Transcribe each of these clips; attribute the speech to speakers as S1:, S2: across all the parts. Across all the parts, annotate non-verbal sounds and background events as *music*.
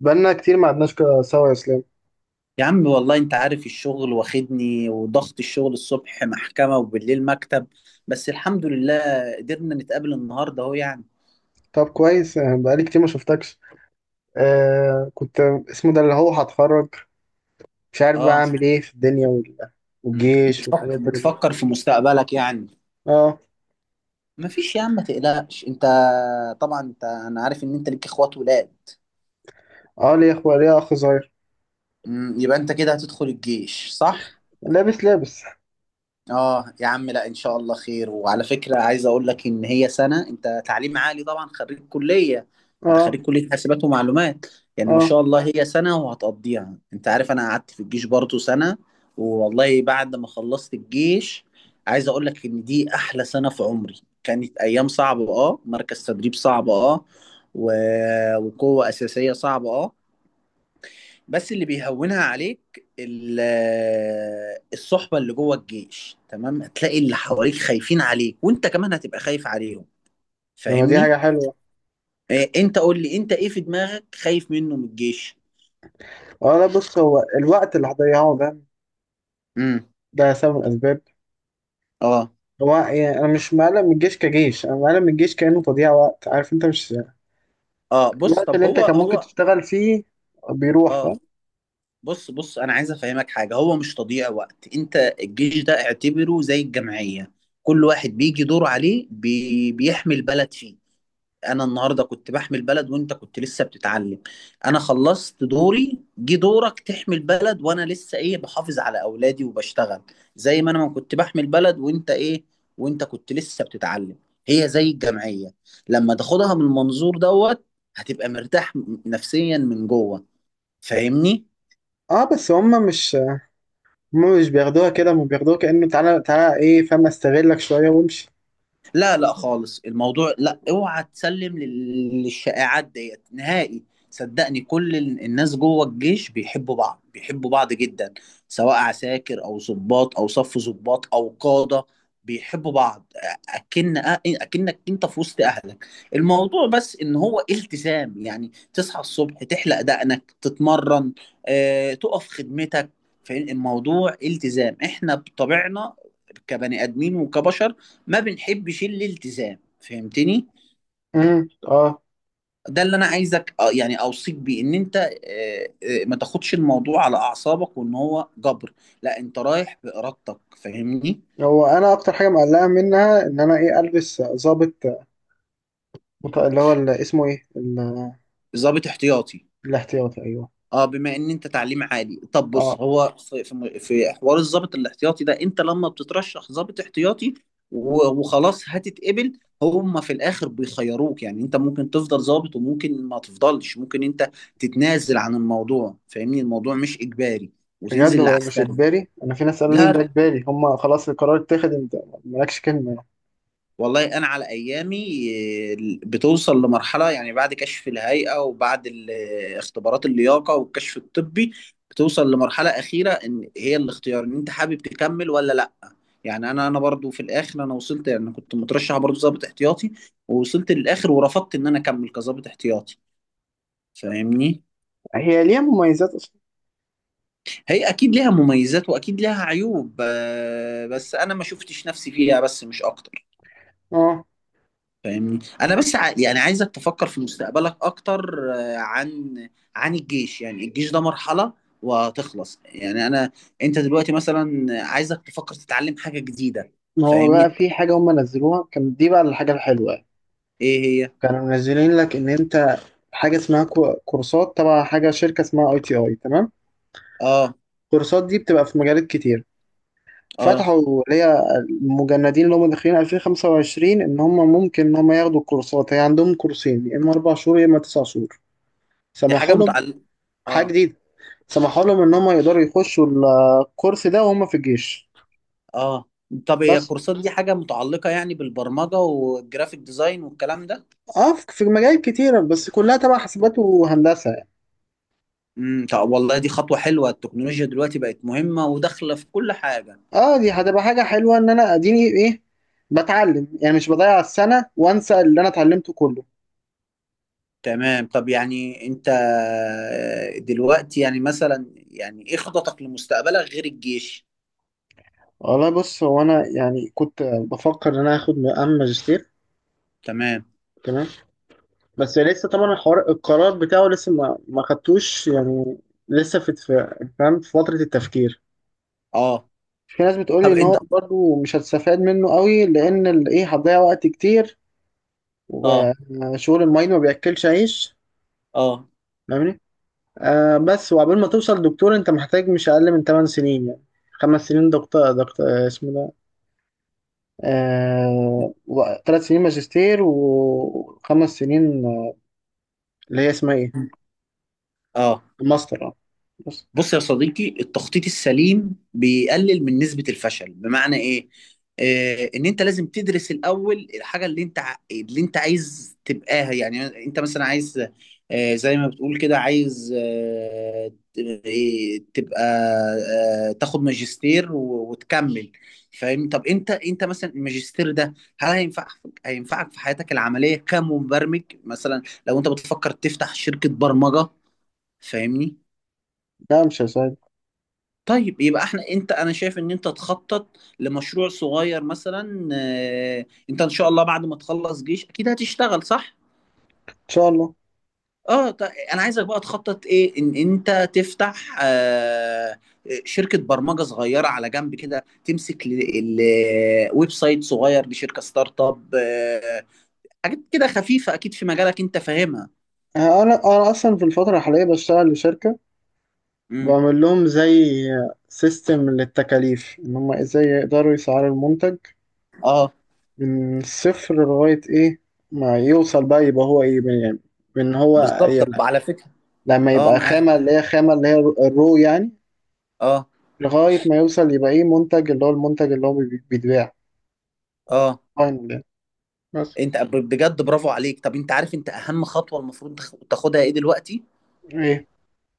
S1: بقالنا كتير ما قعدناش سوا يا اسلام.
S2: يا عم، والله انت عارف الشغل واخدني وضغط الشغل الصبح محكمة وبالليل مكتب. بس الحمد لله قدرنا نتقابل النهاردة اهو يعني.
S1: طب كويس، بقالي كتير ما شفتكش. كنت، اسمه ده اللي هو هتخرج، مش عارف بقى
S2: اه
S1: اعمل ايه في الدنيا والجيش
S2: بتفكر
S1: والحاجات دي كلها.
S2: بتفكر في مستقبلك يعني.
S1: اه.
S2: مفيش يا عم، ما تقلقش انت. طبعا انا عارف ان انت ليك اخوات ولاد.
S1: اه، ليه اخويا؟ ليه اخ صغير.
S2: يبقى انت كده هتدخل الجيش، صح؟
S1: لابس لابس.
S2: اه يا عم، لا ان شاء الله خير. وعلى فكره، عايز اقول لك ان هي سنه. انت تعليم عالي طبعا، خريج كليه. انت
S1: اه.
S2: خريج كليه حاسبات ومعلومات. يعني ما
S1: اه،
S2: شاء الله هي سنه وهتقضيها. انت عارف انا قعدت في الجيش برضه سنه. والله بعد ما خلصت الجيش، عايز اقول لك ان دي احلى سنه في عمري. كانت ايام صعبه، اه، مركز تدريب صعب، اه، و... وقوه اساسيه صعبه، اه. بس اللي بيهونها عليك الصحبة اللي جوه الجيش. تمام، هتلاقي اللي حواليك خايفين عليك، وانت كمان هتبقى خايف عليهم.
S1: لما دي
S2: فاهمني؟
S1: حاجة حلوة.
S2: إيه، انت قول لي انت ايه في دماغك خايف منه من الجيش.
S1: اه، لا بص، هو الوقت اللي هضيعه ده،
S2: امم
S1: ده سبب من الأسباب.
S2: اه.
S1: هو يعني أنا مش مقلق من الجيش كجيش، أنا مقلق من الجيش كأنه تضييع وقت، عارف أنت؟ مش
S2: اه بص،
S1: الوقت
S2: طب
S1: اللي أنت
S2: هو
S1: كان ممكن
S2: هو
S1: تشتغل فيه بيروح،
S2: اه،
S1: فاهم.
S2: بص، انا عايز افهمك حاجة. هو مش تضييع وقت. انت الجيش ده اعتبره زي الجمعية. كل واحد بيجي دور عليه بيحمي البلد فيه. انا النهارده كنت بحمي البلد وانت كنت لسه بتتعلم. انا خلصت دوري، جه دورك تحمي البلد، وانا لسه ايه، بحافظ على اولادي وبشتغل. زي ما انا ما كنت بحمي البلد وانت ايه، وانت كنت لسه بتتعلم. هي زي الجمعية، لما تاخدها من المنظور دوت هتبقى مرتاح نفسيا من جوه. فاهمني؟
S1: اه، بس هما مش بياخدوها كده، هما بياخدوها كأنه تعالى تعالى ايه، فاهم، استغلك شوية وامشي.
S2: لا لا خالص، الموضوع لا، اوعى تسلم للشائعات ديت نهائي. صدقني كل الناس جوه الجيش بيحبوا بعض، بيحبوا بعض جدا، سواء عساكر او ضباط او صف ضباط او قادة، بيحبوا بعض. اكن اكنك انت في وسط اهلك. الموضوع بس ان هو التزام، يعني تصحى الصبح تحلق دقنك تتمرن، تقف خدمتك. فالموضوع التزام، احنا بطبعنا كبني ادمين وكبشر ما بنحبش الالتزام، فهمتني؟
S1: اه.
S2: ده اللي انا عايزك يعني اوصيك بيه، ان انت ما تاخدش الموضوع على اعصابك وان هو جبر. لا، انت رايح بارادتك، فاهمني؟
S1: هو انا اكتر حاجة مقلقة منها، ان انا ايه، البس ظابط، اللي هو اللي اسمه ايه،
S2: ظابط احتياطي.
S1: الاحتياطي، ايوه.
S2: اه، بما ان انت تعليم عالي. طب
S1: اه
S2: بص، هو في حوار الضابط الاحتياطي ده، انت لما بتترشح ضابط احتياطي وخلاص هتتقبل، هم في الاخر بيخيروك، يعني انت ممكن تفضل ضابط وممكن ما تفضلش. ممكن انت تتنازل عن الموضوع، فاهمني؟ الموضوع مش اجباري،
S1: بجد،
S2: وتنزل
S1: هو مش
S2: لعسكري.
S1: اجباري؟ انا في ناس قالوا لي ان ده
S2: لا
S1: اجباري، هما خلاص القرار اتاخد، انت مالكش كلمة يعني.
S2: والله، انا على ايامي آه، بتوصل لمرحله، يعني بعد كشف الهيئه وبعد اختبارات اللياقه والكشف الطبي، بتوصل لمرحله اخيره ان هي الاختيار، ان انت حابب تكمل ولا لا. يعني انا برضو في الاخر انا وصلت، يعني انا كنت مترشح برضو ضابط احتياطي، ووصلت للاخر ورفضت ان انا اكمل كضابط احتياطي، فاهمني؟
S1: هي ليها مميزات اصلا.
S2: هي اكيد ليها مميزات واكيد ليها عيوب، بس انا ما شفتش نفسي فيها، بس مش اكتر.
S1: اه،
S2: فاهمني؟ يعني عايزك تفكر في مستقبلك اكتر، عن الجيش. يعني الجيش ده مرحلة وهتخلص. يعني انت دلوقتي مثلا، عايزك تفكر تتعلم حاجة جديدة.
S1: ما هو
S2: فاهمني؟
S1: بقى في حاجة هما نزلوها كان، دي بقى الحاجة الحلوة يعني.
S2: ايه، هي.
S1: كانوا منزلين لك، ان انت حاجة اسمها كورسات تبع حاجة، شركة اسمها ITI، تمام.
S2: اه.
S1: الكورسات دي بتبقى في مجالات كتير،
S2: اه
S1: فتحوا اللي هي المجندين اللي هم داخلين 2025 ان هم ممكن ان هم ياخدوا الكورسات. هي عندهم كورسين، يا اما 4 شهور يا اما 9 شهور.
S2: دي حاجة
S1: سمحوا لهم،
S2: متعلقة.
S1: حاجه
S2: اه.
S1: جديده، سمحوا لهم ان هم يقدروا يخشوا الكورس ده وهم في الجيش.
S2: اه طب هي
S1: بس
S2: الكورسات دي حاجة متعلقة يعني بالبرمجة والجرافيك ديزاين والكلام ده.
S1: اه، في في مجالات كتيره، بس كلها تبع حاسبات وهندسه يعني.
S2: امم، طب والله دي خطوة حلوة. التكنولوجيا دلوقتي بقت مهمة وداخلة في كل حاجة.
S1: اه دي هتبقى حاجه حلوه، ان انا اديني ايه، بتعلم يعني، مش بضيع السنه وانسى اللي انا اتعلمته كله.
S2: تمام، طب يعني انت دلوقتي يعني مثلا، يعني ايه خططك لمستقبلك غير الجيش.
S1: والله بص، هو انا يعني كنت بفكر ان انا اخد مقام ماجستير.
S2: تمام.
S1: تمام. بس لسه طبعا الحوار، القرار بتاعه لسه ما خدتوش يعني، لسه في فاهم، في فترة التفكير.
S2: اه،
S1: في ناس بتقول لي
S2: طب
S1: ان هو
S2: انت.
S1: برضو مش هتستفاد منه قوي، لان ايه، هتضيع وقت كتير،
S2: اه.
S1: وشغل الماين ما بياكلش عيش،
S2: اه.
S1: فاهمني. بس وعقبال ما توصل دكتور انت محتاج مش اقل من 8 سنين يعني، 5 سنين دكتور دكتور، اسمه ده، آه، 3 سنين ماجستير وخمس سنين، اللي هي اسمها ايه،
S2: اه
S1: ماستر. اه بس.
S2: بص يا صديقي، التخطيط السليم بيقلل من نسبة الفشل. بمعنى ايه؟ آه، ان انت لازم تدرس الاول الحاجة اللي اللي انت عايز تبقاها. يعني انت مثلا عايز، آه زي ما بتقول كده، عايز آه ت- إيه، تبقى آه تاخد ماجستير وتكمل، فاهم؟ طب انت مثلا الماجستير ده، هل هينفع، هينفعك في حياتك العملية كمبرمج مثلا، لو انت بتفكر تفتح شركة برمجة، فاهمني؟
S1: ده مش هيساعد.
S2: طيب يبقى احنا، انت انا شايف ان انت تخطط لمشروع صغير مثلا. انت ان شاء الله بعد ما تخلص جيش اكيد هتشتغل، صح؟
S1: شاء الله.
S2: اه، انا عايزك بقى تخطط ايه، ان انت تفتح شركة برمجة صغيرة على جنب كده، تمسك ويب سايت صغير لشركة ستارت اب، حاجات كده خفيفة اكيد في مجالك انت فاهمها.
S1: انا اصلا في الفتره الحاليه بشتغل لشركه،
S2: امم.
S1: بعمل لهم زي سيستم للتكاليف، ان هم ازاي يقدروا يسعروا المنتج
S2: اه.
S1: من الصفر لغايه ايه ما يوصل، بقى يبقى هو ايه يعني، من هو
S2: بالظبط،
S1: ي-
S2: طب على فكرة.
S1: لما
S2: اه
S1: يبقى
S2: معاه.
S1: خامه، اللي هي الرو يعني،
S2: اه.
S1: لغايه ما يوصل يبقى ايه منتج، اللي هو المنتج اللي هو بيتباع،
S2: اه
S1: فاينل يعني. بس
S2: انت بجد برافو عليك. طب انت عارف انت اهم خطوه المفروض تاخدها ايه دلوقتي؟
S1: ايه.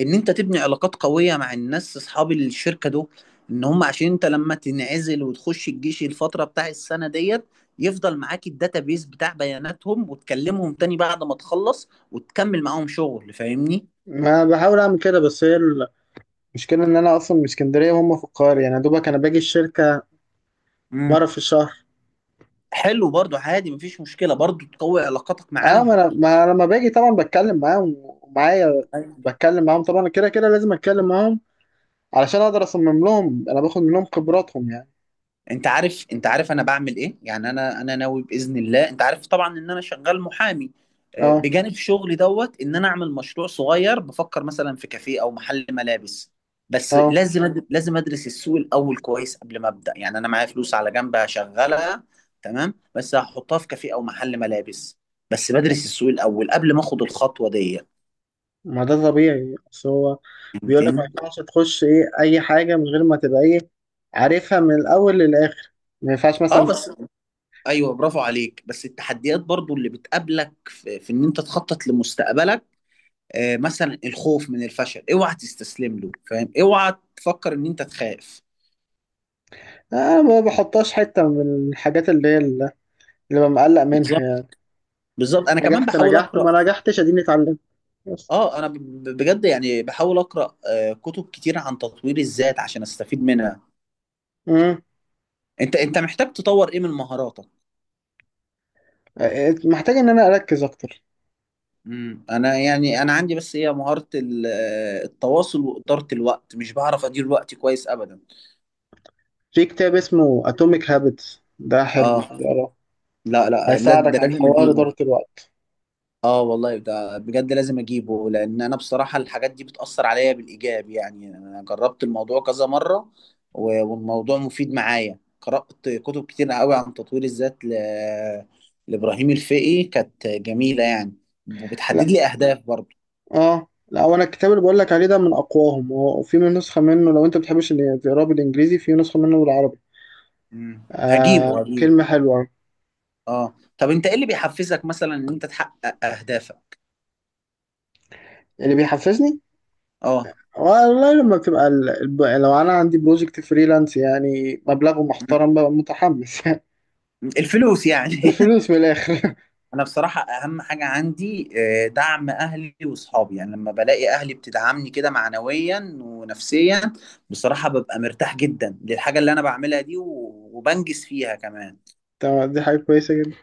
S2: ان انت تبني علاقات قويه مع الناس اصحاب الشركه دول ان هم، عشان انت لما تنعزل وتخش الجيش الفتره بتاع السنه ديت يفضل معاك الداتابيز بتاع بياناتهم، وتكلمهم تاني بعد ما تخلص وتكمل معاهم شغل. فاهمني؟
S1: ما بحاول اعمل كده، بس هي المشكله ان انا اصلا من اسكندريه وهم في القاهره، يعني يا دوبك انا باجي الشركه مره
S2: امم.
S1: في الشهر.
S2: حلو برضو عادي، مفيش مشكله، برضو تقوي علاقاتك
S1: اه،
S2: معاهم.
S1: ما أنا لما باجي طبعا بتكلم معاهم، ومعايا بتكلم معاهم طبعا، كده كده لازم اتكلم معاهم علشان اقدر اصمم لهم، انا باخد منهم خبراتهم يعني.
S2: انت عارف انا بعمل ايه؟ يعني انا ناوي باذن الله، انت عارف طبعا ان انا شغال محامي،
S1: اه.
S2: بجانب شغلي دوت، ان انا اعمل مشروع صغير. بفكر مثلا في كافيه او محل ملابس، بس
S1: اه،
S2: لازم لازم ادرس السوق الاول كويس قبل ما ابدا. يعني انا معايا فلوس على جنب هشغلها، تمام، بس هحطها في كافيه او محل ملابس، بس بدرس السوق الاول قبل ما اخد الخطوه دي.
S1: ما ده طبيعي، بس هو بيقول لك ما
S2: فهمتني؟
S1: ينفعش تخش ايه اي حاجه من غير ما تبقى ايه، عارفها من الاول للاخر. ما ينفعش
S2: اه
S1: مثلا،
S2: بس. ايوه، برافو عليك. بس التحديات برضو اللي بتقابلك في ان انت تخطط لمستقبلك، مثلا الخوف من الفشل، اوعى تستسلم له، فاهم؟ اوعى تفكر ان انت تخاف.
S1: انا ما بحطهاش حته من الحاجات اللي هي اللي ببقى مقلق منها
S2: بالظبط.
S1: يعني.
S2: بالظبط، انا كمان
S1: نجحت
S2: بحاول
S1: نجحت،
S2: اقرا.
S1: ما نجحتش اديني اتعلمت. بس.
S2: اه، انا بجد يعني بحاول اقرا كتب كتير عن تطوير الذات عشان استفيد منها.
S1: امم
S2: انت محتاج تطور ايه من مهاراتك؟
S1: محتاج ان انا اركز اكتر.
S2: امم، انا يعني انا عندي بس هي مهارة التواصل وإدارة الوقت، مش بعرف ادير وقتي كويس ابدا.
S1: في كتاب اسمه اتوميك هابتس ده، حلو
S2: اه.
S1: اقراه،
S2: لا، ده
S1: هيساعدك على
S2: لازم
S1: حوار إدارة
S2: اجيبه.
S1: الوقت.
S2: اه والله ده بجد لازم اجيبه، لان انا بصراحه الحاجات دي بتاثر عليا بالايجاب. يعني انا جربت الموضوع كذا مره والموضوع مفيد معايا. قرات كتب كتير قوي عن تطوير الذات لابراهيم الفقي، كانت جميله يعني، وبتحدد
S1: لا.
S2: لي اهداف برضه.
S1: اه، لا، وانا الكتاب اللي بقول لك عليه ده من اقواهم، وفي من نسخة منه، لو انت بتحبش اللي تقراه بالانجليزي في نسخة منه بالعربي.
S2: مم.
S1: آه،
S2: هجيبه.
S1: كلمة حلوة.
S2: اه طب انت ايه اللي بيحفزك مثلا ان انت تحقق اهدافك؟
S1: اللي بيحفزني،
S2: اه.
S1: والله لما بتبقى لو انا عندي بروجكت فريلانس يعني مبلغه
S2: مم.
S1: محترم، ببقى متحمس *laughs* يعني.
S2: الفلوس يعني *laughs*
S1: الفلوس من الاخر.
S2: انا بصراحه اهم حاجه عندي، دعم اهلي واصحابي. يعني لما بلاقي اهلي بتدعمني كده معنويا ونفسيا، بصراحه ببقى مرتاح جدا للحاجه اللي انا بعملها دي وبنجز فيها كمان.
S1: *laughs* تمام، دي حاجة كويسة جدا.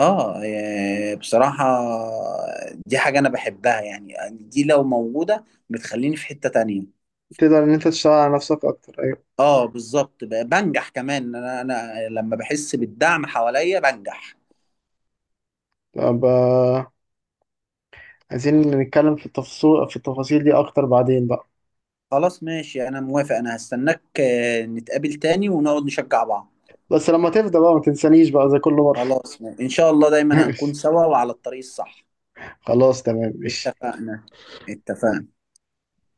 S2: اه، بصراحه دي حاجه انا بحبها. يعني دي لو موجوده بتخليني في حته تانية.
S1: تقدر ان انت تشتغل على نفسك اكتر، ايوه.
S2: اه بالظبط، بنجح كمان. انا لما بحس بالدعم حواليا بنجح.
S1: طب، عايزين نتكلم في التفاصيل، دي اكتر بعدين بقى.
S2: خلاص ماشي، انا موافق، انا هستناك، نتقابل تاني ونقعد نشجع بعض.
S1: بس لما تفضى بقى ما تنسانيش بقى زي كل مرة.
S2: خلاص، إن شاء الله
S1: *laughs*
S2: دايما هنكون
S1: ماشي،
S2: سوا وعلى الطريق الصح.
S1: خلاص تمام ماشي.
S2: اتفقنا. اتفقنا.